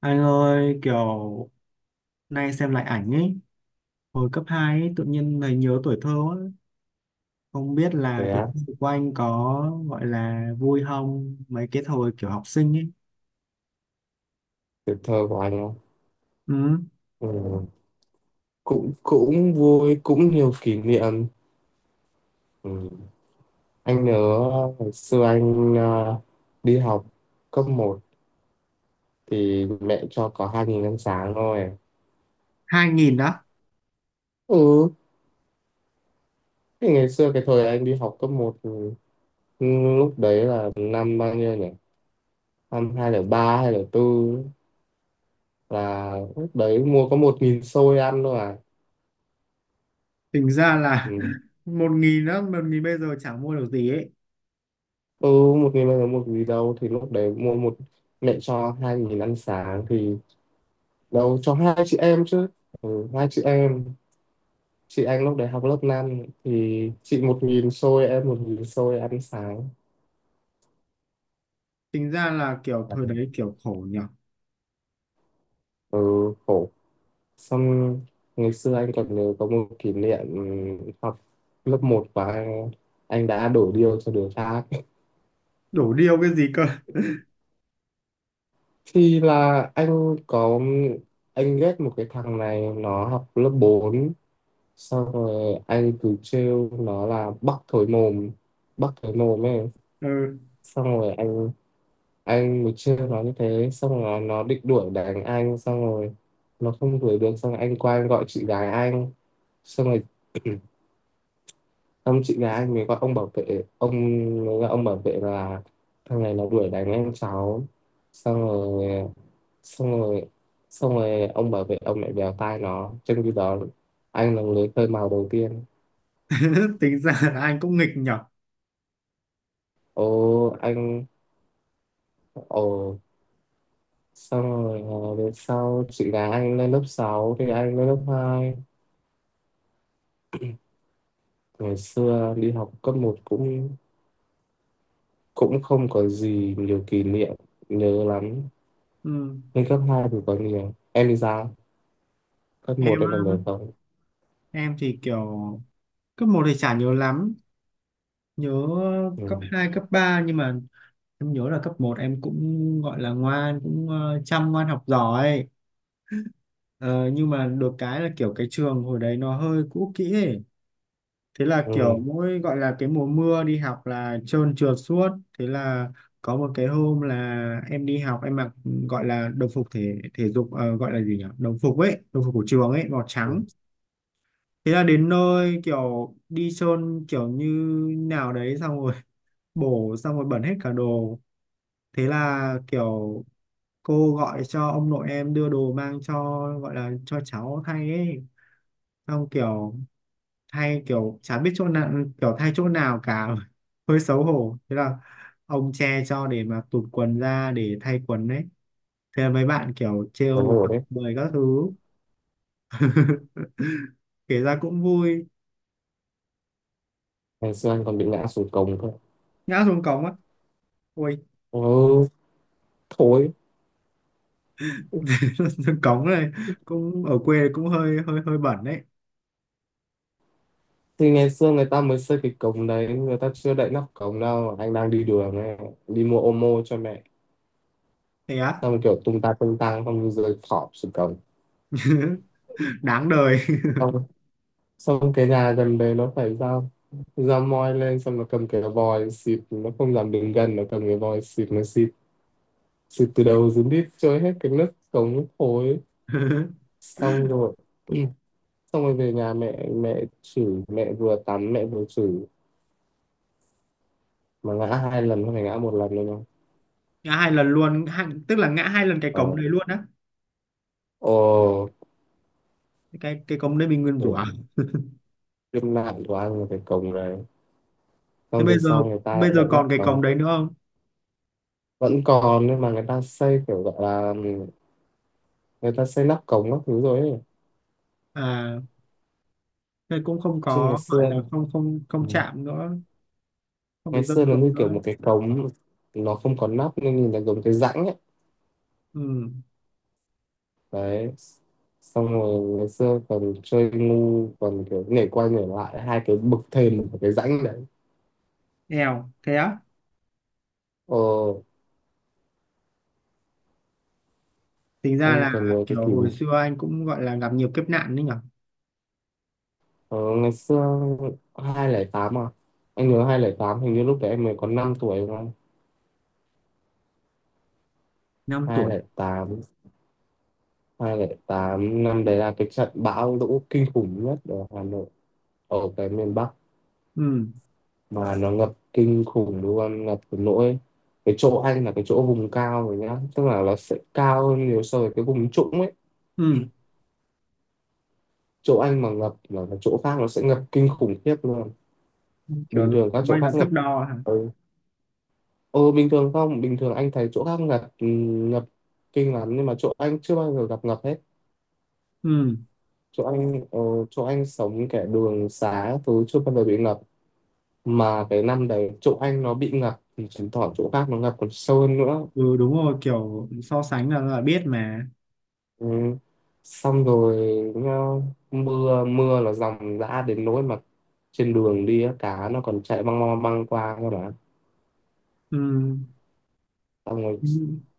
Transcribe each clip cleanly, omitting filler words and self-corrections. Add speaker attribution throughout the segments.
Speaker 1: Anh ơi, kiểu nay xem lại ảnh ấy, hồi cấp 2 ấy, tự nhiên thấy nhớ tuổi thơ quá. Không biết là
Speaker 2: Thế
Speaker 1: tuổi
Speaker 2: á,
Speaker 1: thơ của anh có gọi là vui không, mấy cái thời kiểu học sinh ấy.
Speaker 2: tuổi thơ của anh á.
Speaker 1: Ừ,
Speaker 2: Ừ. Cũng cũng vui, cũng nhiều kỷ niệm. Ừ. Anh nhớ hồi xưa anh đi học cấp một thì mẹ cho có 2.000 ăn sáng thôi.
Speaker 1: 2.000 đó,
Speaker 2: Ừ, thì ngày xưa cái thời anh đi học cấp một lúc đấy là năm bao nhiêu nhỉ? Năm 2003, 2004 là lúc đấy mua có 1.000 xôi ăn thôi à.
Speaker 1: tính ra là
Speaker 2: Ừ,
Speaker 1: 1.000 đó, 1.000 bây giờ chẳng mua được gì ấy.
Speaker 2: ừ, 1.000 bao giờ một gì đâu, thì lúc đấy mua một, mẹ cho 2.000 ăn sáng thì nấu cho hai chị em chứ. Ừ, hai chị em, chị Anh lúc đấy học lớp 5 thì chị một nghìn xôi em một nghìn xôi ăn sáng.
Speaker 1: Tính ra là kiểu thời đấy kiểu khổ nhở,
Speaker 2: Ừ, khổ. Xong ngày xưa anh còn nhớ có một kỷ niệm học lớp một và anh đã đổ điêu cho đứa khác.
Speaker 1: đổ điêu cái gì cơ.
Speaker 2: Thì là anh ghét một cái thằng này, nó học lớp 4, xong rồi anh cứ trêu nó là bắc thối mồm, bắc thối mồm ấy.
Speaker 1: Ừ,
Speaker 2: Xong rồi anh buổi trưa nó như thế, xong rồi nó định đuổi đánh anh, xong rồi nó không đuổi được, xong rồi anh qua anh gọi chị gái anh. Xong rồi ông chị gái anh mới gọi ông bảo vệ, ông mới gọi ông bảo vệ là thằng này nó đuổi đánh anh cháu. Xong rồi xong rồi xong rồi ông bảo vệ ông lại bèo tai nó, trong khi đó anh là người khơi mào đầu tiên.
Speaker 1: tính ra là anh cũng nghịch nhở.
Speaker 2: ô anh ồ Xong rồi, về sau chị gái anh lên lớp 6 thì anh lên lớp hai. Ngày xưa đi học cấp một cũng cũng không có gì nhiều kỷ niệm nhớ lắm.
Speaker 1: Ừ,
Speaker 2: Nhưng cấp 2 thì có nhiều. Em đi ra. Cấp
Speaker 1: em
Speaker 2: một em
Speaker 1: á,
Speaker 2: còn nhớ không?
Speaker 1: em thì kiểu cấp một thì chả nhớ lắm nhớ
Speaker 2: Ừ.
Speaker 1: cấp 2 cấp 3 nhưng mà em nhớ là cấp một em cũng gọi là ngoan cũng chăm ngoan học giỏi. Ờ, nhưng mà được cái là kiểu cái trường hồi đấy nó hơi cũ kỹ ấy. Thế là
Speaker 2: Ừ.
Speaker 1: kiểu mỗi gọi là cái mùa mưa đi học là trơn trượt suốt. Thế là có một cái hôm là em đi học em mặc gọi là đồng phục thể thể dục gọi là gì nhỉ? Đồng phục ấy, đồng phục của trường ấy màu
Speaker 2: Ừ.
Speaker 1: trắng. Thế là đến nơi kiểu đi trơn kiểu như nào đấy xong rồi bổ xong rồi bẩn hết cả đồ, thế là kiểu cô gọi cho ông nội em đưa đồ mang cho gọi là cho cháu thay ấy, xong kiểu thay kiểu chả biết chỗ nào, kiểu thay chỗ nào cả. Hơi xấu hổ, thế là ông che cho để mà tụt quần ra để thay quần đấy, thế là mấy bạn kiểu
Speaker 2: Còn
Speaker 1: trêu
Speaker 2: hổ
Speaker 1: chọc
Speaker 2: đấy.
Speaker 1: bời các thứ. Kể ra cũng vui.
Speaker 2: Ngày xưa anh còn bị ngã xuống cổng cơ.
Speaker 1: Ngã xuống cống á? Ôi.
Speaker 2: Ừ. Thôi.
Speaker 1: Xuống cống này, cũng ở quê cũng hơi hơi hơi bẩn đấy.
Speaker 2: Thì ngày xưa người ta mới xây cái cổng đấy. Người ta chưa đậy nắp cổng đâu. Anh đang đi đường này. Đi mua ô mô cho mẹ.
Speaker 1: Thế á?
Speaker 2: Xong rồi kiểu tung ta tung tăng. Xong rồi rơi thọp xuống cổng.
Speaker 1: Đáng đời.
Speaker 2: Xong Xong cái nhà gần đấy nó phải ra, ra moi lên, xong nó cầm cái vòi xịt, nó không dám đứng gần, nó cầm cái vòi xịt nó xịt, xịt từ đầu xuống đít trôi hết cái nước cống thối. Xong rồi ừ. Xong rồi về nhà, mẹ mẹ chửi, mẹ vừa tắm mẹ vừa chửi, mà ngã hai lần không phải ngã một lần đâu nhá.
Speaker 1: Ngã hai lần luôn, hai, tức là ngã hai lần cái
Speaker 2: ờ
Speaker 1: cổng đấy luôn á?
Speaker 2: ồ
Speaker 1: Cái cổng đấy mình nguyên rủa
Speaker 2: Khổ.
Speaker 1: à?
Speaker 2: Kiếp nạn của anh là cái cổng đấy.
Speaker 1: Thế
Speaker 2: Xong về sau người ta lại
Speaker 1: bây giờ
Speaker 2: đậy nắp
Speaker 1: còn cái
Speaker 2: cống.
Speaker 1: cổng đấy nữa không?
Speaker 2: Vẫn còn nhưng mà người ta xây kiểu gọi là, người ta xây nắp cống các thứ rồi ấy.
Speaker 1: À, thế cũng không
Speaker 2: Chứ ngày
Speaker 1: có gọi
Speaker 2: xưa,
Speaker 1: là không không
Speaker 2: ừ.
Speaker 1: không chạm nữa, không bị
Speaker 2: Ngày
Speaker 1: dâm
Speaker 2: xưa nó
Speaker 1: xuống
Speaker 2: như kiểu
Speaker 1: nữa.
Speaker 2: một cái cống, nó không có nắp nên nhìn là giống cái rãnh ấy.
Speaker 1: Ừ,
Speaker 2: Đấy, xong rồi ngày xưa còn chơi ngu, còn kiểu nhảy qua nhảy lại hai cái bậc thềm của cái rãnh đấy.
Speaker 1: nghèo thế á?
Speaker 2: ờ
Speaker 1: Tính ra
Speaker 2: anh còn
Speaker 1: là
Speaker 2: nhớ cái
Speaker 1: kiểu
Speaker 2: kỷ
Speaker 1: hồi
Speaker 2: niệm.
Speaker 1: xưa anh cũng gọi là gặp nhiều kiếp nạn đấy nhở.
Speaker 2: Ờ, Ngày xưa hai không không tám à, anh nhớ hai không không tám hình như lúc đấy em mới có 5 tuổi đúng không.
Speaker 1: Năm tuổi.
Speaker 2: 208 tám, năm đấy là cái trận bão lũ kinh khủng nhất ở Hà Nội, ở cái miền Bắc,
Speaker 1: Ừ,
Speaker 2: mà nó ngập kinh khủng luôn, ngập đến nỗi cái chỗ anh là cái chỗ vùng cao rồi nhá, tức là nó sẽ cao hơn nhiều so với cái vùng trũng ấy.
Speaker 1: ừ,
Speaker 2: Chỗ anh mà ngập là cái chỗ khác nó sẽ ngập kinh khủng khiếp luôn. Bình
Speaker 1: kiểu
Speaker 2: thường các chỗ
Speaker 1: quay
Speaker 2: khác
Speaker 1: là
Speaker 2: ngập.
Speaker 1: thước đo hả?
Speaker 2: Ừ. ừ bình thường, không bình thường anh thấy chỗ khác ngập, ngập kinh lắm, nhưng mà chỗ anh chưa bao giờ gặp ngập hết.
Speaker 1: Ừ,
Speaker 2: Chỗ anh chỗ anh sống kẻ đường xá thứ chưa bao giờ bị ngập, mà cái năm đấy chỗ anh nó bị ngập thì chứng tỏ chỗ khác nó ngập còn sâu hơn nữa.
Speaker 1: ừ, đúng rồi, kiểu so sánh là biết mà.
Speaker 2: Ừ. Xong rồi nhá, mưa mưa là dòng dã đến nỗi mà trên đường đi á, cá nó còn chạy băng băng băng qua cơ mà.
Speaker 1: Ừ.
Speaker 2: Xong rồi
Speaker 1: Ừ.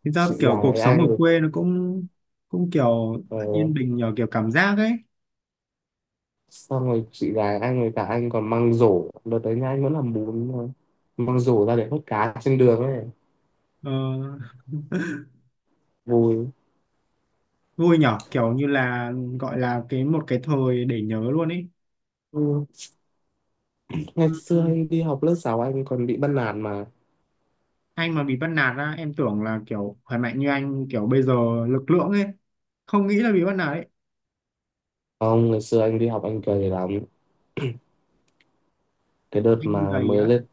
Speaker 1: Thực ra
Speaker 2: chị
Speaker 1: kiểu
Speaker 2: gái
Speaker 1: cuộc sống
Speaker 2: anh
Speaker 1: ở
Speaker 2: rồi
Speaker 1: quê nó cũng cũng kiểu
Speaker 2: ờ,
Speaker 1: yên bình nhờ kiểu cảm giác ấy.
Speaker 2: xong rồi chị gái anh rồi cả anh còn mang rổ đợt đấy nhá, anh vẫn làm bún thôi, mang rổ ra để hút cá trên đường ấy.
Speaker 1: ờ,
Speaker 2: Vui.
Speaker 1: Vui nhỏ kiểu như là gọi là cái một cái thời để nhớ luôn ấy.
Speaker 2: Ừ.
Speaker 1: Ừ,
Speaker 2: Ngày xưa
Speaker 1: ừ.
Speaker 2: anh đi học lớp 6 anh còn bị bắt nạt mà.
Speaker 1: Anh mà bị bắt nạt á? Em tưởng là kiểu khỏe mạnh như anh kiểu bây giờ, lực lượng ấy, không nghĩ là bị bắt nạt ấy.
Speaker 2: Không, ngày xưa anh đi học anh cười lắm, cái đợt
Speaker 1: Anh
Speaker 2: mà
Speaker 1: gầy
Speaker 2: mới
Speaker 1: á?
Speaker 2: lên.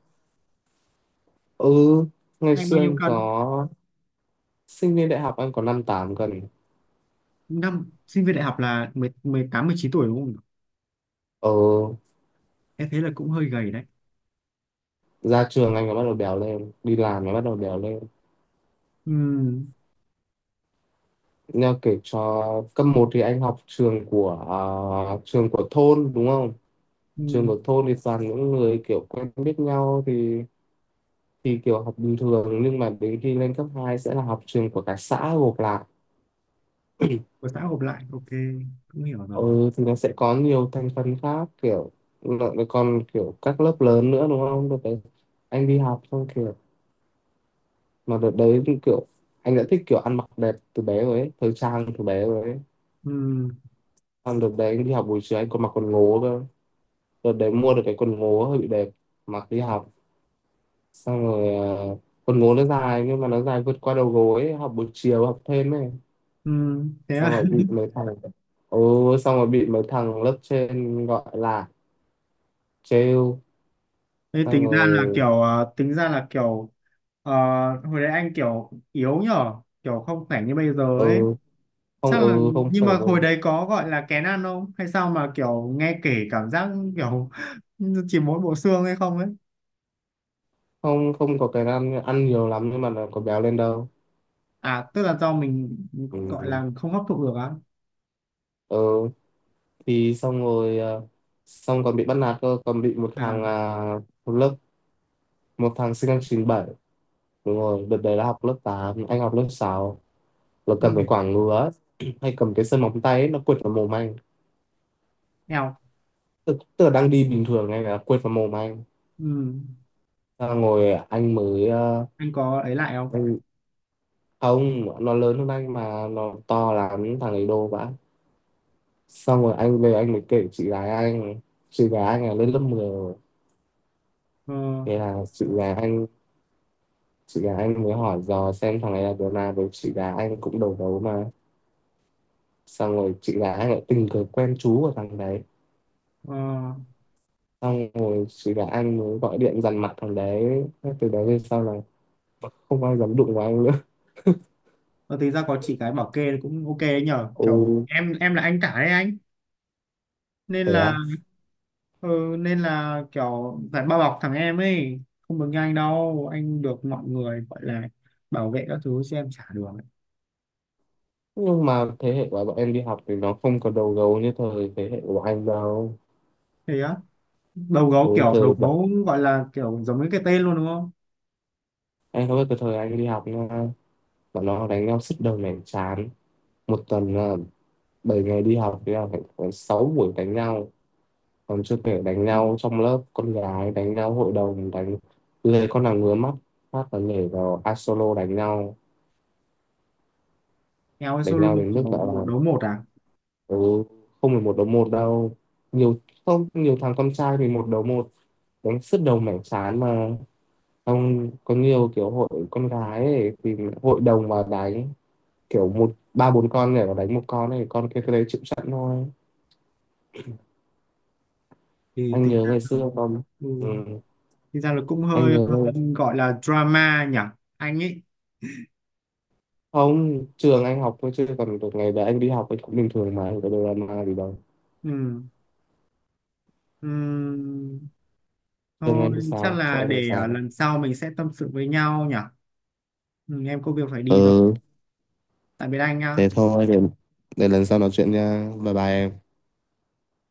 Speaker 2: Ừ, ngày
Speaker 1: Anh bao
Speaker 2: xưa
Speaker 1: nhiêu
Speaker 2: anh
Speaker 1: cân?
Speaker 2: có, sinh viên đại học anh có năm tám cân.
Speaker 1: Năm sinh viên đại học là mười mười tám mười chín tuổi đúng không?
Speaker 2: ờ
Speaker 1: Em thấy là cũng hơi gầy đấy.
Speaker 2: Ra trường anh mới bắt đầu béo lên, đi làm mới bắt đầu béo lên.
Speaker 1: Ừ,
Speaker 2: Nha kể cho. Cấp một thì anh học trường của, à, trường của thôn đúng không. Trường
Speaker 1: ừ.
Speaker 2: của thôn thì toàn những người kiểu quen biết nhau, thì kiểu học bình thường, nhưng mà đến khi lên cấp 2 sẽ là học trường của cả xã gộp lại.
Speaker 1: Của xã gộp lại, ok, cũng hiểu rồi.
Speaker 2: Ừ thì nó sẽ có nhiều thành phần khác, kiểu nó còn kiểu các lớp lớn nữa đúng không. Đợt đấy anh đi học xong kiểu, mà đợt đấy thì kiểu anh đã thích kiểu ăn mặc đẹp từ bé rồi ấy, thời trang từ bé rồi ấy.
Speaker 1: Ừ.
Speaker 2: Xong đợt đấy anh đi học buổi chiều anh còn mặc quần ngố cơ. Đợt đấy mua được cái quần ngố hơi bị đẹp, mặc đi học. Xong rồi quần ngố nó dài nhưng mà nó dài vượt qua đầu gối ấy. Học buổi chiều học thêm ấy,
Speaker 1: Ừ, thế
Speaker 2: xong
Speaker 1: à?
Speaker 2: rồi bị mấy thằng, ừ, xong rồi bị mấy thằng lớp trên gọi là trêu.
Speaker 1: Thế
Speaker 2: Xong
Speaker 1: tính ra là
Speaker 2: rồi,
Speaker 1: tính ra là ờ, hồi đấy anh kiểu yếu nhở, kiểu không khỏe như bây giờ ấy.
Speaker 2: ừ không,
Speaker 1: Chắc là
Speaker 2: ừ không
Speaker 1: nhưng
Speaker 2: phải
Speaker 1: mà hồi
Speaker 2: đâu,
Speaker 1: đấy có gọi là kén ăn không hay sao mà kiểu nghe kể cảm giác kiểu chỉ mỗi bộ xương hay không ấy.
Speaker 2: không, không có cái ăn ăn nhiều lắm nhưng mà nó có béo lên đâu.
Speaker 1: À, tức là do mình gọi
Speaker 2: Ừ.
Speaker 1: là không hấp thụ được á?
Speaker 2: Ừ thì xong rồi xong còn bị bắt nạt cơ, còn bị một
Speaker 1: À.
Speaker 2: thằng một lớp, một thằng sinh năm 97, đúng rồi đợt đấy là học lớp 8 anh học lớp sáu, là cầm cái
Speaker 1: Ừ.
Speaker 2: quảng ngứa ấy, hay cầm cái sơn móng tay ấy, nó quệt vào mồm anh.
Speaker 1: Eo.
Speaker 2: Tức là đang đi bình thường anh là quệt vào mồm anh.
Speaker 1: Ừ.
Speaker 2: Xong rồi anh mới
Speaker 1: Anh có ấy lại không?
Speaker 2: anh không, nó lớn hơn anh mà nó to lắm thằng ấy đô vãi. Xong rồi anh về anh mới kể chị gái anh, chị gái anh là lên lớp 10 rồi.
Speaker 1: Ờ.
Speaker 2: Thế là chị gái anh mới hỏi dò xem thằng này là đứa nào, với chị gái anh cũng đầu gấu mà. Xong rồi chị gái anh lại tình cờ quen chú của thằng đấy.
Speaker 1: Ờ.
Speaker 2: Xong rồi chị gái anh mới gọi điện dằn mặt thằng đấy. Thế từ đấy về sau là không ai dám đụng vào anh nữa.
Speaker 1: Ờ, tính ra có chị gái bảo kê cũng ok đấy nhở,
Speaker 2: ồ
Speaker 1: kiểu em là anh cả đấy anh, nên
Speaker 2: Thế
Speaker 1: là,
Speaker 2: á.
Speaker 1: ừ, nên là kiểu phải bao bọc thằng em ấy, không được như anh đâu, anh được mọi người gọi là bảo vệ các thứ chứ em chả được ấy.
Speaker 2: Nhưng mà thế hệ của bọn em đi học thì nó không có đầu gấu như thời thế hệ của anh đâu.
Speaker 1: Thế á? Đầu
Speaker 2: Ừ,
Speaker 1: gấu kiểu đầu
Speaker 2: thời bọn
Speaker 1: gấu gọi là kiểu giống như cái tên luôn đúng không?
Speaker 2: em không biết cái thời anh đi học nha, bọn nó đánh nhau sứt đầu mẻ chán. Một tuần là 7 ngày đi học thì là phải có 6 buổi đánh nhau, còn chưa kể đánh nhau trong lớp, con gái đánh nhau hội đồng đánh, lề con nào ngứa mắt phát là nhảy vào a solo đánh nhau.
Speaker 1: Eo, hay
Speaker 2: Đánh
Speaker 1: solo
Speaker 2: nhau đến mức
Speaker 1: kiểu
Speaker 2: gọi
Speaker 1: một
Speaker 2: là,
Speaker 1: đấu một à?
Speaker 2: ừ, không phải một đấu một đâu, nhiều. Không, nhiều thằng con trai thì một đấu một, đánh sứt đầu mẻ trán mà. Không, có nhiều kiểu hội con gái ấy, thì hội đồng mà đánh, kiểu một ba bốn con nhảy vào đánh một con, này con kia cái đấy chịu sẵn thôi.
Speaker 1: thì
Speaker 2: Anh
Speaker 1: thì
Speaker 2: nhớ
Speaker 1: ra
Speaker 2: ngày
Speaker 1: là,
Speaker 2: xưa không.
Speaker 1: ừ,
Speaker 2: Ừ.
Speaker 1: thì ra là cũng
Speaker 2: Anh
Speaker 1: hơi
Speaker 2: nhớ
Speaker 1: gọi là drama nhỉ, anh ấy.
Speaker 2: không, trường anh học thôi chứ còn được, ngày đấy anh đi học anh cũng bình thường mà không có drama gì đâu.
Speaker 1: Ừ. Ừ.
Speaker 2: Trường
Speaker 1: Thôi,
Speaker 2: em thì
Speaker 1: chắc
Speaker 2: sao, chỗ
Speaker 1: là
Speaker 2: em thì
Speaker 1: để
Speaker 2: sao.
Speaker 1: lần sau mình sẽ tâm sự với nhau nhỉ. Ừ, em có việc phải đi rồi,
Speaker 2: Ừ,
Speaker 1: tạm biệt anh nhá.
Speaker 2: thế thôi, để lần sau nói chuyện nha. Bye bye em.